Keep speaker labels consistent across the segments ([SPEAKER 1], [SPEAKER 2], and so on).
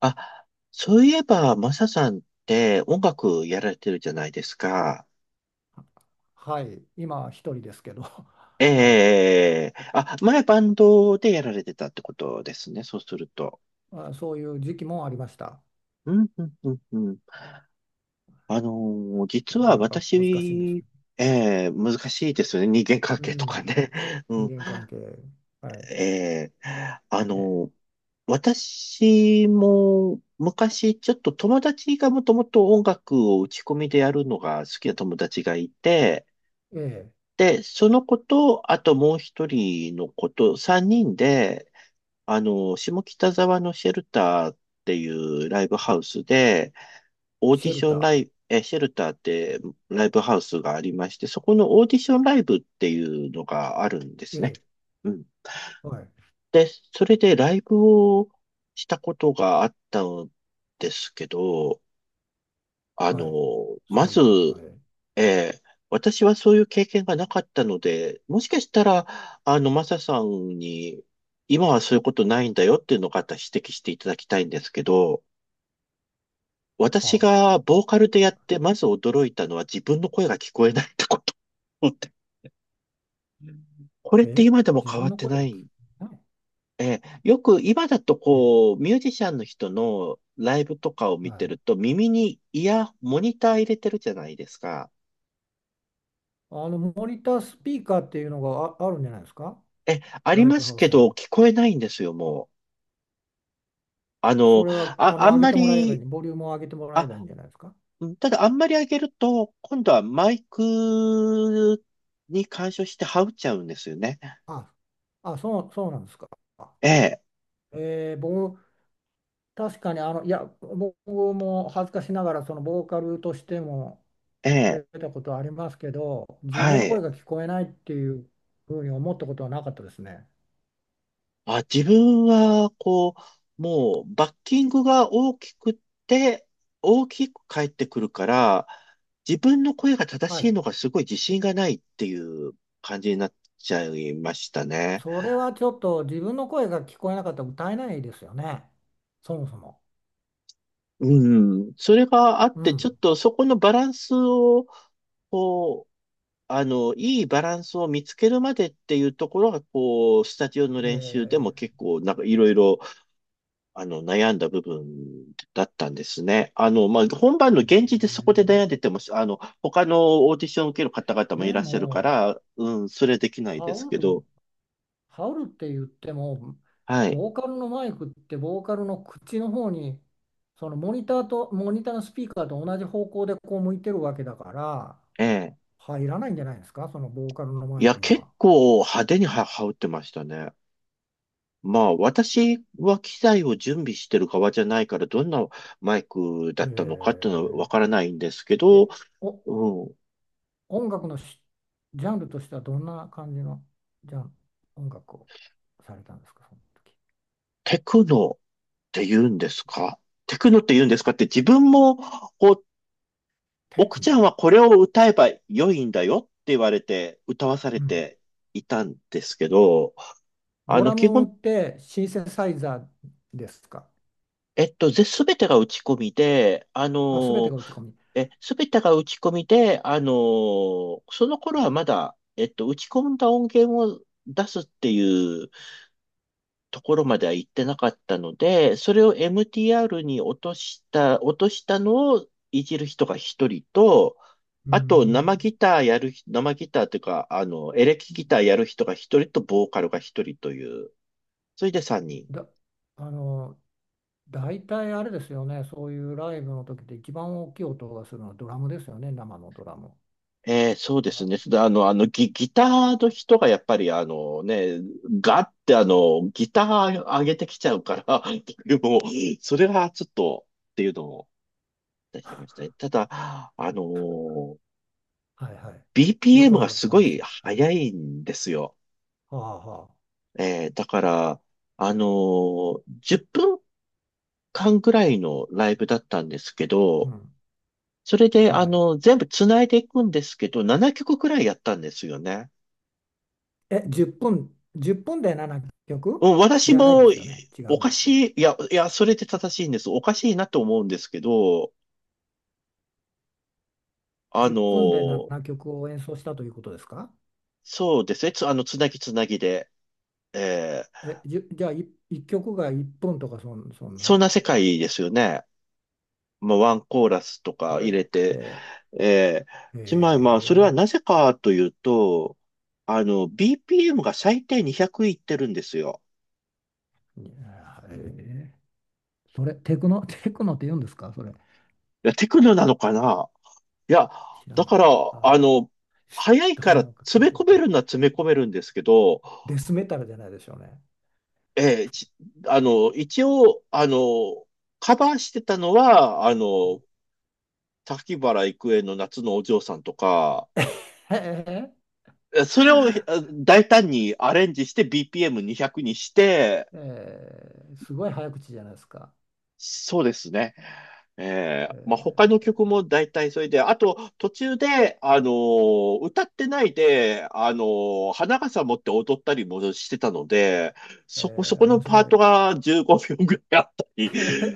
[SPEAKER 1] あ、そういえば、マサさんって音楽やられてるじゃないですか。
[SPEAKER 2] はい、今一人ですけど、はい、
[SPEAKER 1] 前バンドでやられてたってことですね。そうすると。
[SPEAKER 2] まあ、そういう時期もありました。
[SPEAKER 1] うん、うん、うん、うん。実
[SPEAKER 2] なか
[SPEAKER 1] は
[SPEAKER 2] なか難しいんです
[SPEAKER 1] 私、
[SPEAKER 2] けど、
[SPEAKER 1] ええ、難しいですよね。人間関
[SPEAKER 2] う
[SPEAKER 1] 係とか
[SPEAKER 2] ん、
[SPEAKER 1] ね。う
[SPEAKER 2] 人
[SPEAKER 1] ん。
[SPEAKER 2] 間関係、はい、
[SPEAKER 1] ええあ
[SPEAKER 2] え
[SPEAKER 1] のー私も昔ちょっと友達がもともと音楽を打ち込みでやるのが好きな友達がいて、
[SPEAKER 2] え、ええ、
[SPEAKER 1] で、その子と、あともう一人の子と、三人で、下北沢のシェルターっていうライブハウスで、オーデ
[SPEAKER 2] シ
[SPEAKER 1] ィ
[SPEAKER 2] ェ
[SPEAKER 1] シ
[SPEAKER 2] ル
[SPEAKER 1] ョンラ
[SPEAKER 2] タ
[SPEAKER 1] イブ、シェルターってライブハウスがありまして、そこのオーディションライブっていうのがあるんで
[SPEAKER 2] ー、え
[SPEAKER 1] すね。
[SPEAKER 2] え、
[SPEAKER 1] うん。
[SPEAKER 2] はい、
[SPEAKER 1] で、それでライブをしたことがあったんですけど、あの、
[SPEAKER 2] はい、す
[SPEAKER 1] ま
[SPEAKER 2] ごい
[SPEAKER 1] ず、
[SPEAKER 2] じゃないですか、ええ、
[SPEAKER 1] ええ、私はそういう経験がなかったので、もしかしたら、マサさんに、今はそういうことないんだよっていうのを方指摘していただきたいんですけど、私
[SPEAKER 2] はあ、
[SPEAKER 1] がボーカルでやって、まず驚いたのは自分の声が聞こえないってこと。これって
[SPEAKER 2] ええ、
[SPEAKER 1] 今でも
[SPEAKER 2] 自
[SPEAKER 1] 変わ
[SPEAKER 2] 分
[SPEAKER 1] っ
[SPEAKER 2] の
[SPEAKER 1] て
[SPEAKER 2] 声
[SPEAKER 1] な
[SPEAKER 2] が聞こ
[SPEAKER 1] い。
[SPEAKER 2] えない、
[SPEAKER 1] ええ、よく今だと
[SPEAKER 2] ええ、
[SPEAKER 1] こう、ミュージシャンの人のライブとかを
[SPEAKER 2] は
[SPEAKER 1] 見て
[SPEAKER 2] い、
[SPEAKER 1] ると、耳にモニター入れてるじゃないですか。
[SPEAKER 2] あのモニタースピーカーっていうのがあるんじゃないですか、
[SPEAKER 1] え、あり
[SPEAKER 2] ライ
[SPEAKER 1] ま
[SPEAKER 2] ブ
[SPEAKER 1] す
[SPEAKER 2] ハウ
[SPEAKER 1] け
[SPEAKER 2] スに
[SPEAKER 1] ど、
[SPEAKER 2] は。
[SPEAKER 1] 聞こえないんですよ、もう。あ
[SPEAKER 2] そ
[SPEAKER 1] の、
[SPEAKER 2] れはあ
[SPEAKER 1] あ、
[SPEAKER 2] の
[SPEAKER 1] あん
[SPEAKER 2] 上げ
[SPEAKER 1] ま
[SPEAKER 2] てもらえばい
[SPEAKER 1] り、
[SPEAKER 2] い、ボリュームを上げてもらえ
[SPEAKER 1] あ、
[SPEAKER 2] ばいいんじゃないですか。
[SPEAKER 1] ただあんまり上げると、今度はマイクに干渉してはっちゃうんですよね。
[SPEAKER 2] あ、あ、そうなんですか。
[SPEAKER 1] ええ、
[SPEAKER 2] 僕、確かにあの、いや、僕も恥ずかしながら、そのボーカルとしても
[SPEAKER 1] え
[SPEAKER 2] 出
[SPEAKER 1] え、
[SPEAKER 2] たことはありますけど、自分
[SPEAKER 1] は
[SPEAKER 2] の声
[SPEAKER 1] い。
[SPEAKER 2] が聞こえないっていうふうに思ったことはなかったですね。
[SPEAKER 1] あ、自分は、バッキングが大きくって、大きく返ってくるから、自分の声が正
[SPEAKER 2] は
[SPEAKER 1] しい
[SPEAKER 2] い。
[SPEAKER 1] のがすごい自信がないっていう感じになっちゃいましたね。
[SPEAKER 2] それはちょっと自分の声が聞こえなかったら歌えないですよね。そもそも。
[SPEAKER 1] うん。それがあっ
[SPEAKER 2] う
[SPEAKER 1] て、ちょっ
[SPEAKER 2] ん。
[SPEAKER 1] とそこのバランスを、こあの、いいバランスを見つけるまでっていうところが、スタジオの
[SPEAKER 2] え
[SPEAKER 1] 練習でも
[SPEAKER 2] ー
[SPEAKER 1] 結構、なんかいろいろ、悩んだ部分だったんですね。まあ、本番の
[SPEAKER 2] え
[SPEAKER 1] 現地でそ
[SPEAKER 2] ー
[SPEAKER 1] こで悩んでても、他のオーディションを受ける方々もい
[SPEAKER 2] で
[SPEAKER 1] らっしゃるか
[SPEAKER 2] も、
[SPEAKER 1] ら、うん、それできない
[SPEAKER 2] ハ
[SPEAKER 1] です
[SPEAKER 2] ウ
[SPEAKER 1] け
[SPEAKER 2] ル、
[SPEAKER 1] ど、
[SPEAKER 2] ハウルって言っても、
[SPEAKER 1] はい、
[SPEAKER 2] ボーカルのマイクってボーカルの口の方に、そのモニターと、モニターのスピーカーと同じ方向でこう向いてるわけだから、
[SPEAKER 1] ええ。
[SPEAKER 2] 入らないんじゃないですか、そのボーカルのマ
[SPEAKER 1] い
[SPEAKER 2] イ
[SPEAKER 1] や、
[SPEAKER 2] クに
[SPEAKER 1] 結
[SPEAKER 2] は。
[SPEAKER 1] 構派手には羽織ってましたね。まあ、私は機材を準備してる側じゃないから、どんなマイクだ
[SPEAKER 2] へ
[SPEAKER 1] ったのかっていうのはわ
[SPEAKER 2] え。
[SPEAKER 1] からないんですけ
[SPEAKER 2] え、
[SPEAKER 1] ど、
[SPEAKER 2] お、
[SPEAKER 1] うん。
[SPEAKER 2] 音楽のジャンルとしてはどんな感じのジャン、音楽をされたんですか、その時。
[SPEAKER 1] テクノって言うんですかテクノって言うんですかって自分も、こう、
[SPEAKER 2] テ
[SPEAKER 1] 奥
[SPEAKER 2] ク
[SPEAKER 1] ちゃ
[SPEAKER 2] ノ。
[SPEAKER 1] んはこれを歌えば良いんだよって言われて、歌わされ
[SPEAKER 2] うん。
[SPEAKER 1] ていたんですけど、
[SPEAKER 2] ドラ
[SPEAKER 1] 基
[SPEAKER 2] ムっ
[SPEAKER 1] 本、
[SPEAKER 2] てシンセサイザーですか。
[SPEAKER 1] すべてが打ち込みで、あ
[SPEAKER 2] あ、すべて
[SPEAKER 1] の、
[SPEAKER 2] が打ち込み。
[SPEAKER 1] え、すべてが打ち込みで、その頃はまだ、打ち込んだ音源を出すっていうところまでは行ってなかったので、それを MTR に落としたのをいじる人が一人と、
[SPEAKER 2] うー
[SPEAKER 1] あと
[SPEAKER 2] ん。
[SPEAKER 1] 生ギターというか、エレキギターやる人が一人と、ボーカルが一人という、それで三人。
[SPEAKER 2] だ、あの、大体あれですよね、そういうライブの時で一番大きい音がするのはドラムですよね、生のドラム。
[SPEAKER 1] そうで
[SPEAKER 2] だ
[SPEAKER 1] すね。
[SPEAKER 2] か
[SPEAKER 1] それでギターの人がやっぱりガってギター上げてきちゃうから、でも、それはちょっとっていうのも、出しきましたね。ただ、あのー
[SPEAKER 2] ら、はいはい。よく
[SPEAKER 1] BPM
[SPEAKER 2] あ
[SPEAKER 1] が
[SPEAKER 2] る
[SPEAKER 1] すごい
[SPEAKER 2] 話。は
[SPEAKER 1] 速
[SPEAKER 2] い、
[SPEAKER 1] いんですよ。
[SPEAKER 2] はあはあ。
[SPEAKER 1] だから、10分間ぐらいのライブだったんですけ
[SPEAKER 2] う
[SPEAKER 1] ど、
[SPEAKER 2] ん。
[SPEAKER 1] それで、
[SPEAKER 2] はい。
[SPEAKER 1] 全部繋いでいくんですけど、7曲くらいやったんですよね。
[SPEAKER 2] え、10分、1分で7
[SPEAKER 1] う
[SPEAKER 2] 曲
[SPEAKER 1] ん、私
[SPEAKER 2] じゃない
[SPEAKER 1] も、
[SPEAKER 2] ですよね。違う
[SPEAKER 1] お
[SPEAKER 2] ん
[SPEAKER 1] か
[SPEAKER 2] ですよ。
[SPEAKER 1] しい、いや、いや、それで正しいんです。おかしいなと思うんですけど、あ
[SPEAKER 2] 10
[SPEAKER 1] の
[SPEAKER 2] 分で
[SPEAKER 1] ー
[SPEAKER 2] 7曲を演奏したということですか。
[SPEAKER 1] そうですね。つ、あの、つなぎつなぎで、えー
[SPEAKER 2] え、じゃあ1、一曲が1分とかそん
[SPEAKER 1] そん
[SPEAKER 2] な
[SPEAKER 1] な世界ですよね。まあ、ワンコーラスと
[SPEAKER 2] そ
[SPEAKER 1] か
[SPEAKER 2] れっ
[SPEAKER 1] 入れて、
[SPEAKER 2] て、
[SPEAKER 1] ええ
[SPEAKER 2] へ
[SPEAKER 1] つまりまあ、それは
[SPEAKER 2] え、
[SPEAKER 1] なぜかというと、BPM が最低200いってるんですよ。
[SPEAKER 2] いやへえ。それ、テクノ、テクノって言うんですか、それ。
[SPEAKER 1] いや、テクノなのかな、いや、
[SPEAKER 2] 知ら
[SPEAKER 1] だ
[SPEAKER 2] ない。
[SPEAKER 1] から、
[SPEAKER 2] あ
[SPEAKER 1] あ
[SPEAKER 2] あ、
[SPEAKER 1] の、早 い
[SPEAKER 2] ど
[SPEAKER 1] か
[SPEAKER 2] ん
[SPEAKER 1] ら
[SPEAKER 2] なのか聞
[SPEAKER 1] 詰
[SPEAKER 2] い
[SPEAKER 1] め
[SPEAKER 2] て
[SPEAKER 1] 込
[SPEAKER 2] み
[SPEAKER 1] め
[SPEAKER 2] たい。
[SPEAKER 1] るのは詰め込めるんですけど、
[SPEAKER 2] デスメタルじゃないでしょうね。
[SPEAKER 1] ええち一応、カバーしてたのは、滝原郁恵の夏のお嬢さんとか、
[SPEAKER 2] へえ
[SPEAKER 1] それを大胆にアレンジして BPM200 にひゃくにして、
[SPEAKER 2] え。 ーすごい早口じゃないですか。
[SPEAKER 1] そうですね。
[SPEAKER 2] え
[SPEAKER 1] まあ、他の曲も
[SPEAKER 2] ー
[SPEAKER 1] 大体それで、あと途中で、歌ってないで、花笠持って踊ったりもしてたので、そこの
[SPEAKER 2] 面
[SPEAKER 1] パ
[SPEAKER 2] 白
[SPEAKER 1] ート
[SPEAKER 2] い。
[SPEAKER 1] が15秒ぐらいあったり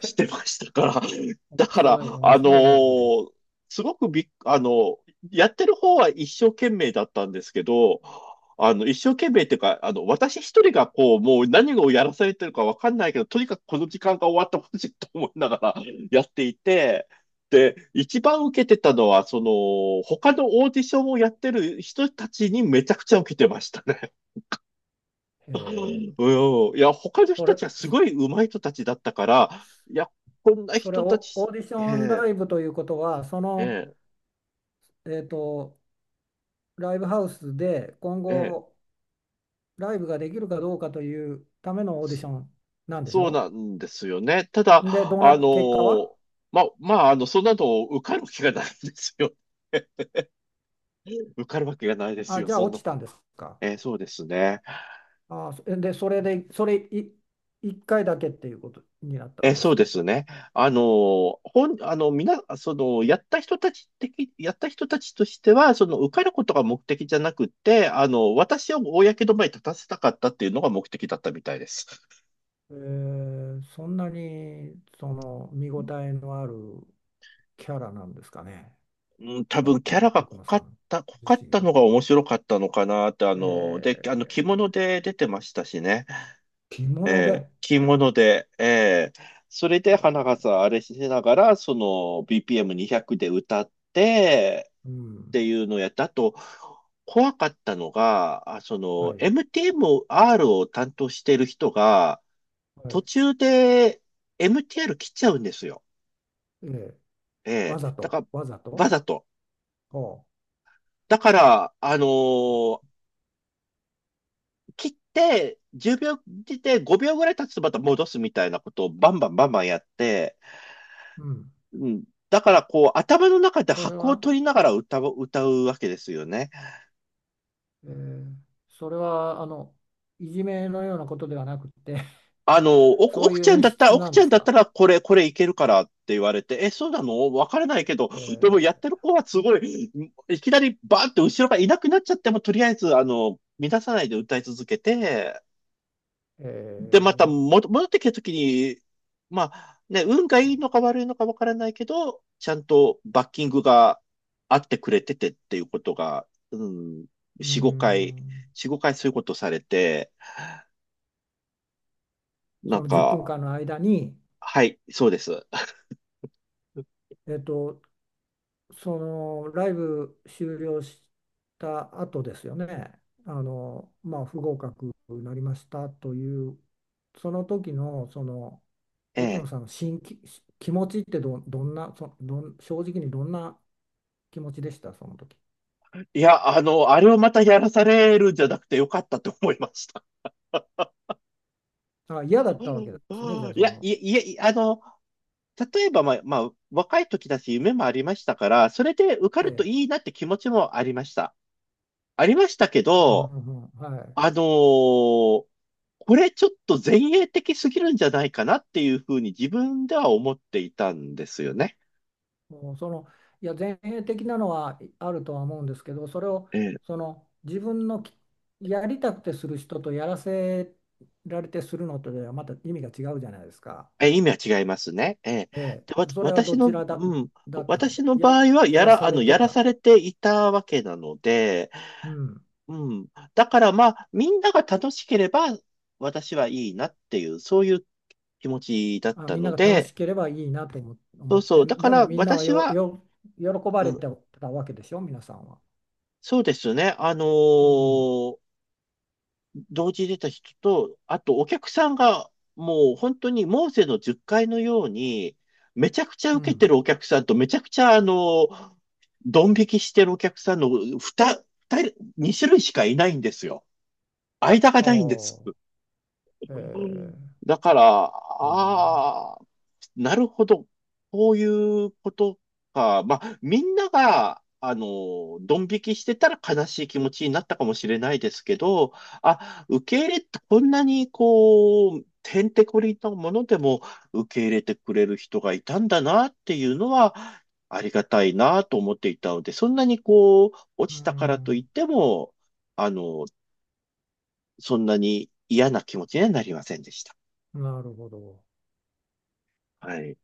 [SPEAKER 1] してましたから、
[SPEAKER 2] 面
[SPEAKER 1] だから、
[SPEAKER 2] 白い、面
[SPEAKER 1] あの
[SPEAKER 2] 白いライブです。
[SPEAKER 1] ーすごくびっ、あのやってる方は一生懸命だったんですけど、一生懸命っていうか、私一人が何をやらされてるかわかんないけど、とにかくこの時間が終わってほしいと思いながら やっていて、で、一番受けてたのは、他のオーディションをやってる人たちにめちゃくちゃ受けてましたね。
[SPEAKER 2] えー
[SPEAKER 1] うん。いや、他の
[SPEAKER 2] そ
[SPEAKER 1] 人た
[SPEAKER 2] れ、
[SPEAKER 1] ちはすごい上手い人たちだったから、いや、こんな
[SPEAKER 2] それ
[SPEAKER 1] 人た
[SPEAKER 2] をオ
[SPEAKER 1] ち、
[SPEAKER 2] ーディシ
[SPEAKER 1] え
[SPEAKER 2] ョン
[SPEAKER 1] え
[SPEAKER 2] ライブということは、その、
[SPEAKER 1] ええ
[SPEAKER 2] えーと、ライブハウスで今
[SPEAKER 1] え
[SPEAKER 2] 後ライブができるかどうかというためのオーディシ
[SPEAKER 1] え、
[SPEAKER 2] ョンなんでし
[SPEAKER 1] そう
[SPEAKER 2] ょ。
[SPEAKER 1] なんですよね。た
[SPEAKER 2] で、
[SPEAKER 1] だ、
[SPEAKER 2] どうな
[SPEAKER 1] あ
[SPEAKER 2] っ、結果は。
[SPEAKER 1] の、まあ、そんなの受かる気がないんですよ。受かるわけがないです
[SPEAKER 2] あ、
[SPEAKER 1] よ、
[SPEAKER 2] じゃあ
[SPEAKER 1] そん
[SPEAKER 2] 落
[SPEAKER 1] な
[SPEAKER 2] ち
[SPEAKER 1] の。
[SPEAKER 2] たんですか。
[SPEAKER 1] そうですね。
[SPEAKER 2] あ、それで、それい1回だけっていうことになったんで
[SPEAKER 1] そ
[SPEAKER 2] す。
[SPEAKER 1] うですね。あの、本、あの、みな、その、やった人たちとしては、受かることが目的じゃなくて、私を公の場に立たせたかったっていうのが目的だったみたいです。
[SPEAKER 2] えーそんなにその見応えのあるキャラなんですかね、
[SPEAKER 1] うん、多
[SPEAKER 2] そ
[SPEAKER 1] 分キャラ
[SPEAKER 2] の
[SPEAKER 1] が
[SPEAKER 2] 奥野さん
[SPEAKER 1] 濃か
[SPEAKER 2] 自
[SPEAKER 1] っ
[SPEAKER 2] 身
[SPEAKER 1] た
[SPEAKER 2] が。
[SPEAKER 1] のが面白かったのかなって、あ
[SPEAKER 2] え
[SPEAKER 1] の、で、あの、着物
[SPEAKER 2] ー
[SPEAKER 1] で出てましたしね。
[SPEAKER 2] 着物で、
[SPEAKER 1] 着物で、それで花がさ
[SPEAKER 2] え
[SPEAKER 1] ん、あれしながら、その BPM200 で歌って、
[SPEAKER 2] う
[SPEAKER 1] っ
[SPEAKER 2] ん、
[SPEAKER 1] ていうのをやった。あと、怖かったのが、
[SPEAKER 2] はい、
[SPEAKER 1] MTMR を担当している人が、
[SPEAKER 2] は
[SPEAKER 1] 途
[SPEAKER 2] い、
[SPEAKER 1] 中で MTR 切っちゃうんですよ。
[SPEAKER 2] えー
[SPEAKER 1] え
[SPEAKER 2] わ
[SPEAKER 1] え。
[SPEAKER 2] ざ
[SPEAKER 1] だ
[SPEAKER 2] と、
[SPEAKER 1] から、
[SPEAKER 2] わざ
[SPEAKER 1] わ
[SPEAKER 2] と、
[SPEAKER 1] ざと。
[SPEAKER 2] ほ
[SPEAKER 1] だから、切って、10秒切って5秒ぐらい経つとまた戻すみたいなことをバンバンバンバンやって、
[SPEAKER 2] う、うん、
[SPEAKER 1] うん、だからこう頭の中で
[SPEAKER 2] それ
[SPEAKER 1] 拍を
[SPEAKER 2] は
[SPEAKER 1] 取りながら歌うわけですよね。
[SPEAKER 2] えーあのいじめのようなことではなくて、 そういう演出
[SPEAKER 1] 奥
[SPEAKER 2] なん
[SPEAKER 1] ち
[SPEAKER 2] で
[SPEAKER 1] ゃん
[SPEAKER 2] す
[SPEAKER 1] だった
[SPEAKER 2] か。
[SPEAKER 1] らこれいけるからって言われて、え、そうなのわからないけど、
[SPEAKER 2] え
[SPEAKER 1] でもや
[SPEAKER 2] ー
[SPEAKER 1] ってる子はすごい、いきなりバーンって後ろがいなくなっちゃっても、とりあえず、乱さないで歌い続けて、で、ま
[SPEAKER 2] え
[SPEAKER 1] たも戻ってきたときに、まあ、ね、運がいいのか悪いのかわからないけど、ちゃんとバッキングがあってくれててっていうことが、うん、4、
[SPEAKER 2] ーうー
[SPEAKER 1] 5回、
[SPEAKER 2] ん
[SPEAKER 1] 4、5回そういうことされて、な
[SPEAKER 2] そ
[SPEAKER 1] ん
[SPEAKER 2] の10分
[SPEAKER 1] か、
[SPEAKER 2] 間の間に、
[SPEAKER 1] はい、そうです。
[SPEAKER 2] えっと、そのライブ終了した後ですよね。あの、まあ、不合格になりましたというその時のその
[SPEAKER 1] え
[SPEAKER 2] 奥野
[SPEAKER 1] え。
[SPEAKER 2] さんの気持ちってどんなそどん正直にどんな気持ちでした、その時。
[SPEAKER 1] いや、あれをまたやらされるんじゃなくてよかったと思いました。
[SPEAKER 2] あ、嫌だったわけですね、じゃ あ
[SPEAKER 1] い
[SPEAKER 2] そ
[SPEAKER 1] や、い
[SPEAKER 2] の。
[SPEAKER 1] や、いや、例えば、まあ、若い時だし夢もありましたから、それで受か
[SPEAKER 2] え
[SPEAKER 1] ると
[SPEAKER 2] え。
[SPEAKER 1] いいなって気持ちもありました。ありましたけ
[SPEAKER 2] うん
[SPEAKER 1] ど、
[SPEAKER 2] うんうん、はい。
[SPEAKER 1] あのーこれちょっと前衛的すぎるんじゃないかなっていうふうに自分では思っていたんですよね。
[SPEAKER 2] もうその、いや、前衛的なのはあるとは思うんですけど、それを、
[SPEAKER 1] ええ、
[SPEAKER 2] その、自分のやりたくてする人とやらせられてするのとではまた意味が違うじゃないですか。
[SPEAKER 1] 意味は違いますね。ええ、
[SPEAKER 2] え
[SPEAKER 1] で、わ、
[SPEAKER 2] え。それは
[SPEAKER 1] 私
[SPEAKER 2] どち
[SPEAKER 1] の、
[SPEAKER 2] らだ、
[SPEAKER 1] うん、
[SPEAKER 2] だったんです。
[SPEAKER 1] 私の
[SPEAKER 2] や、
[SPEAKER 1] 場合は
[SPEAKER 2] やらされて
[SPEAKER 1] やらさ
[SPEAKER 2] た。
[SPEAKER 1] れていたわけなので、
[SPEAKER 2] うん。
[SPEAKER 1] うん、だからまあ、みんなが楽しければ私はいいなっていう、そういう気持ちだっ
[SPEAKER 2] あ、
[SPEAKER 1] た
[SPEAKER 2] みんな
[SPEAKER 1] の
[SPEAKER 2] が楽
[SPEAKER 1] で、
[SPEAKER 2] しければいいなと思
[SPEAKER 1] そ
[SPEAKER 2] 思
[SPEAKER 1] う
[SPEAKER 2] っ
[SPEAKER 1] そ
[SPEAKER 2] て、
[SPEAKER 1] う、だか
[SPEAKER 2] でも
[SPEAKER 1] ら
[SPEAKER 2] みんなは
[SPEAKER 1] 私は、
[SPEAKER 2] 喜ば
[SPEAKER 1] う
[SPEAKER 2] れ
[SPEAKER 1] ん、
[SPEAKER 2] てたわけでしょ、皆さんは。
[SPEAKER 1] そうですね、
[SPEAKER 2] うん。
[SPEAKER 1] 同時に出た人と、あとお客さんがもう本当にモーセの10回のように、めちゃくちゃ
[SPEAKER 2] う
[SPEAKER 1] 受けて
[SPEAKER 2] ん。
[SPEAKER 1] るお客さんと、めちゃくちゃドン引きしてるお客さんの2、二人、二種類しかいないんですよ。間が
[SPEAKER 2] あ
[SPEAKER 1] ないんです。
[SPEAKER 2] あ。ええ、
[SPEAKER 1] だから、
[SPEAKER 2] なるほ
[SPEAKER 1] あ
[SPEAKER 2] どね。
[SPEAKER 1] あ、なるほど。こういうことか。まあ、みんなが、ドン引きしてたら悲しい気持ちになったかもしれないですけど、あ、受け入れってこんなにてんてこりんなものでも受け入れてくれる人がいたんだなっていうのは、ありがたいなと思っていたので、そんなに落
[SPEAKER 2] う
[SPEAKER 1] ちたからといっ
[SPEAKER 2] ん、
[SPEAKER 1] ても、あの、そんなに嫌な気持ちにはなりませんでした。
[SPEAKER 2] なるほど。
[SPEAKER 1] はい。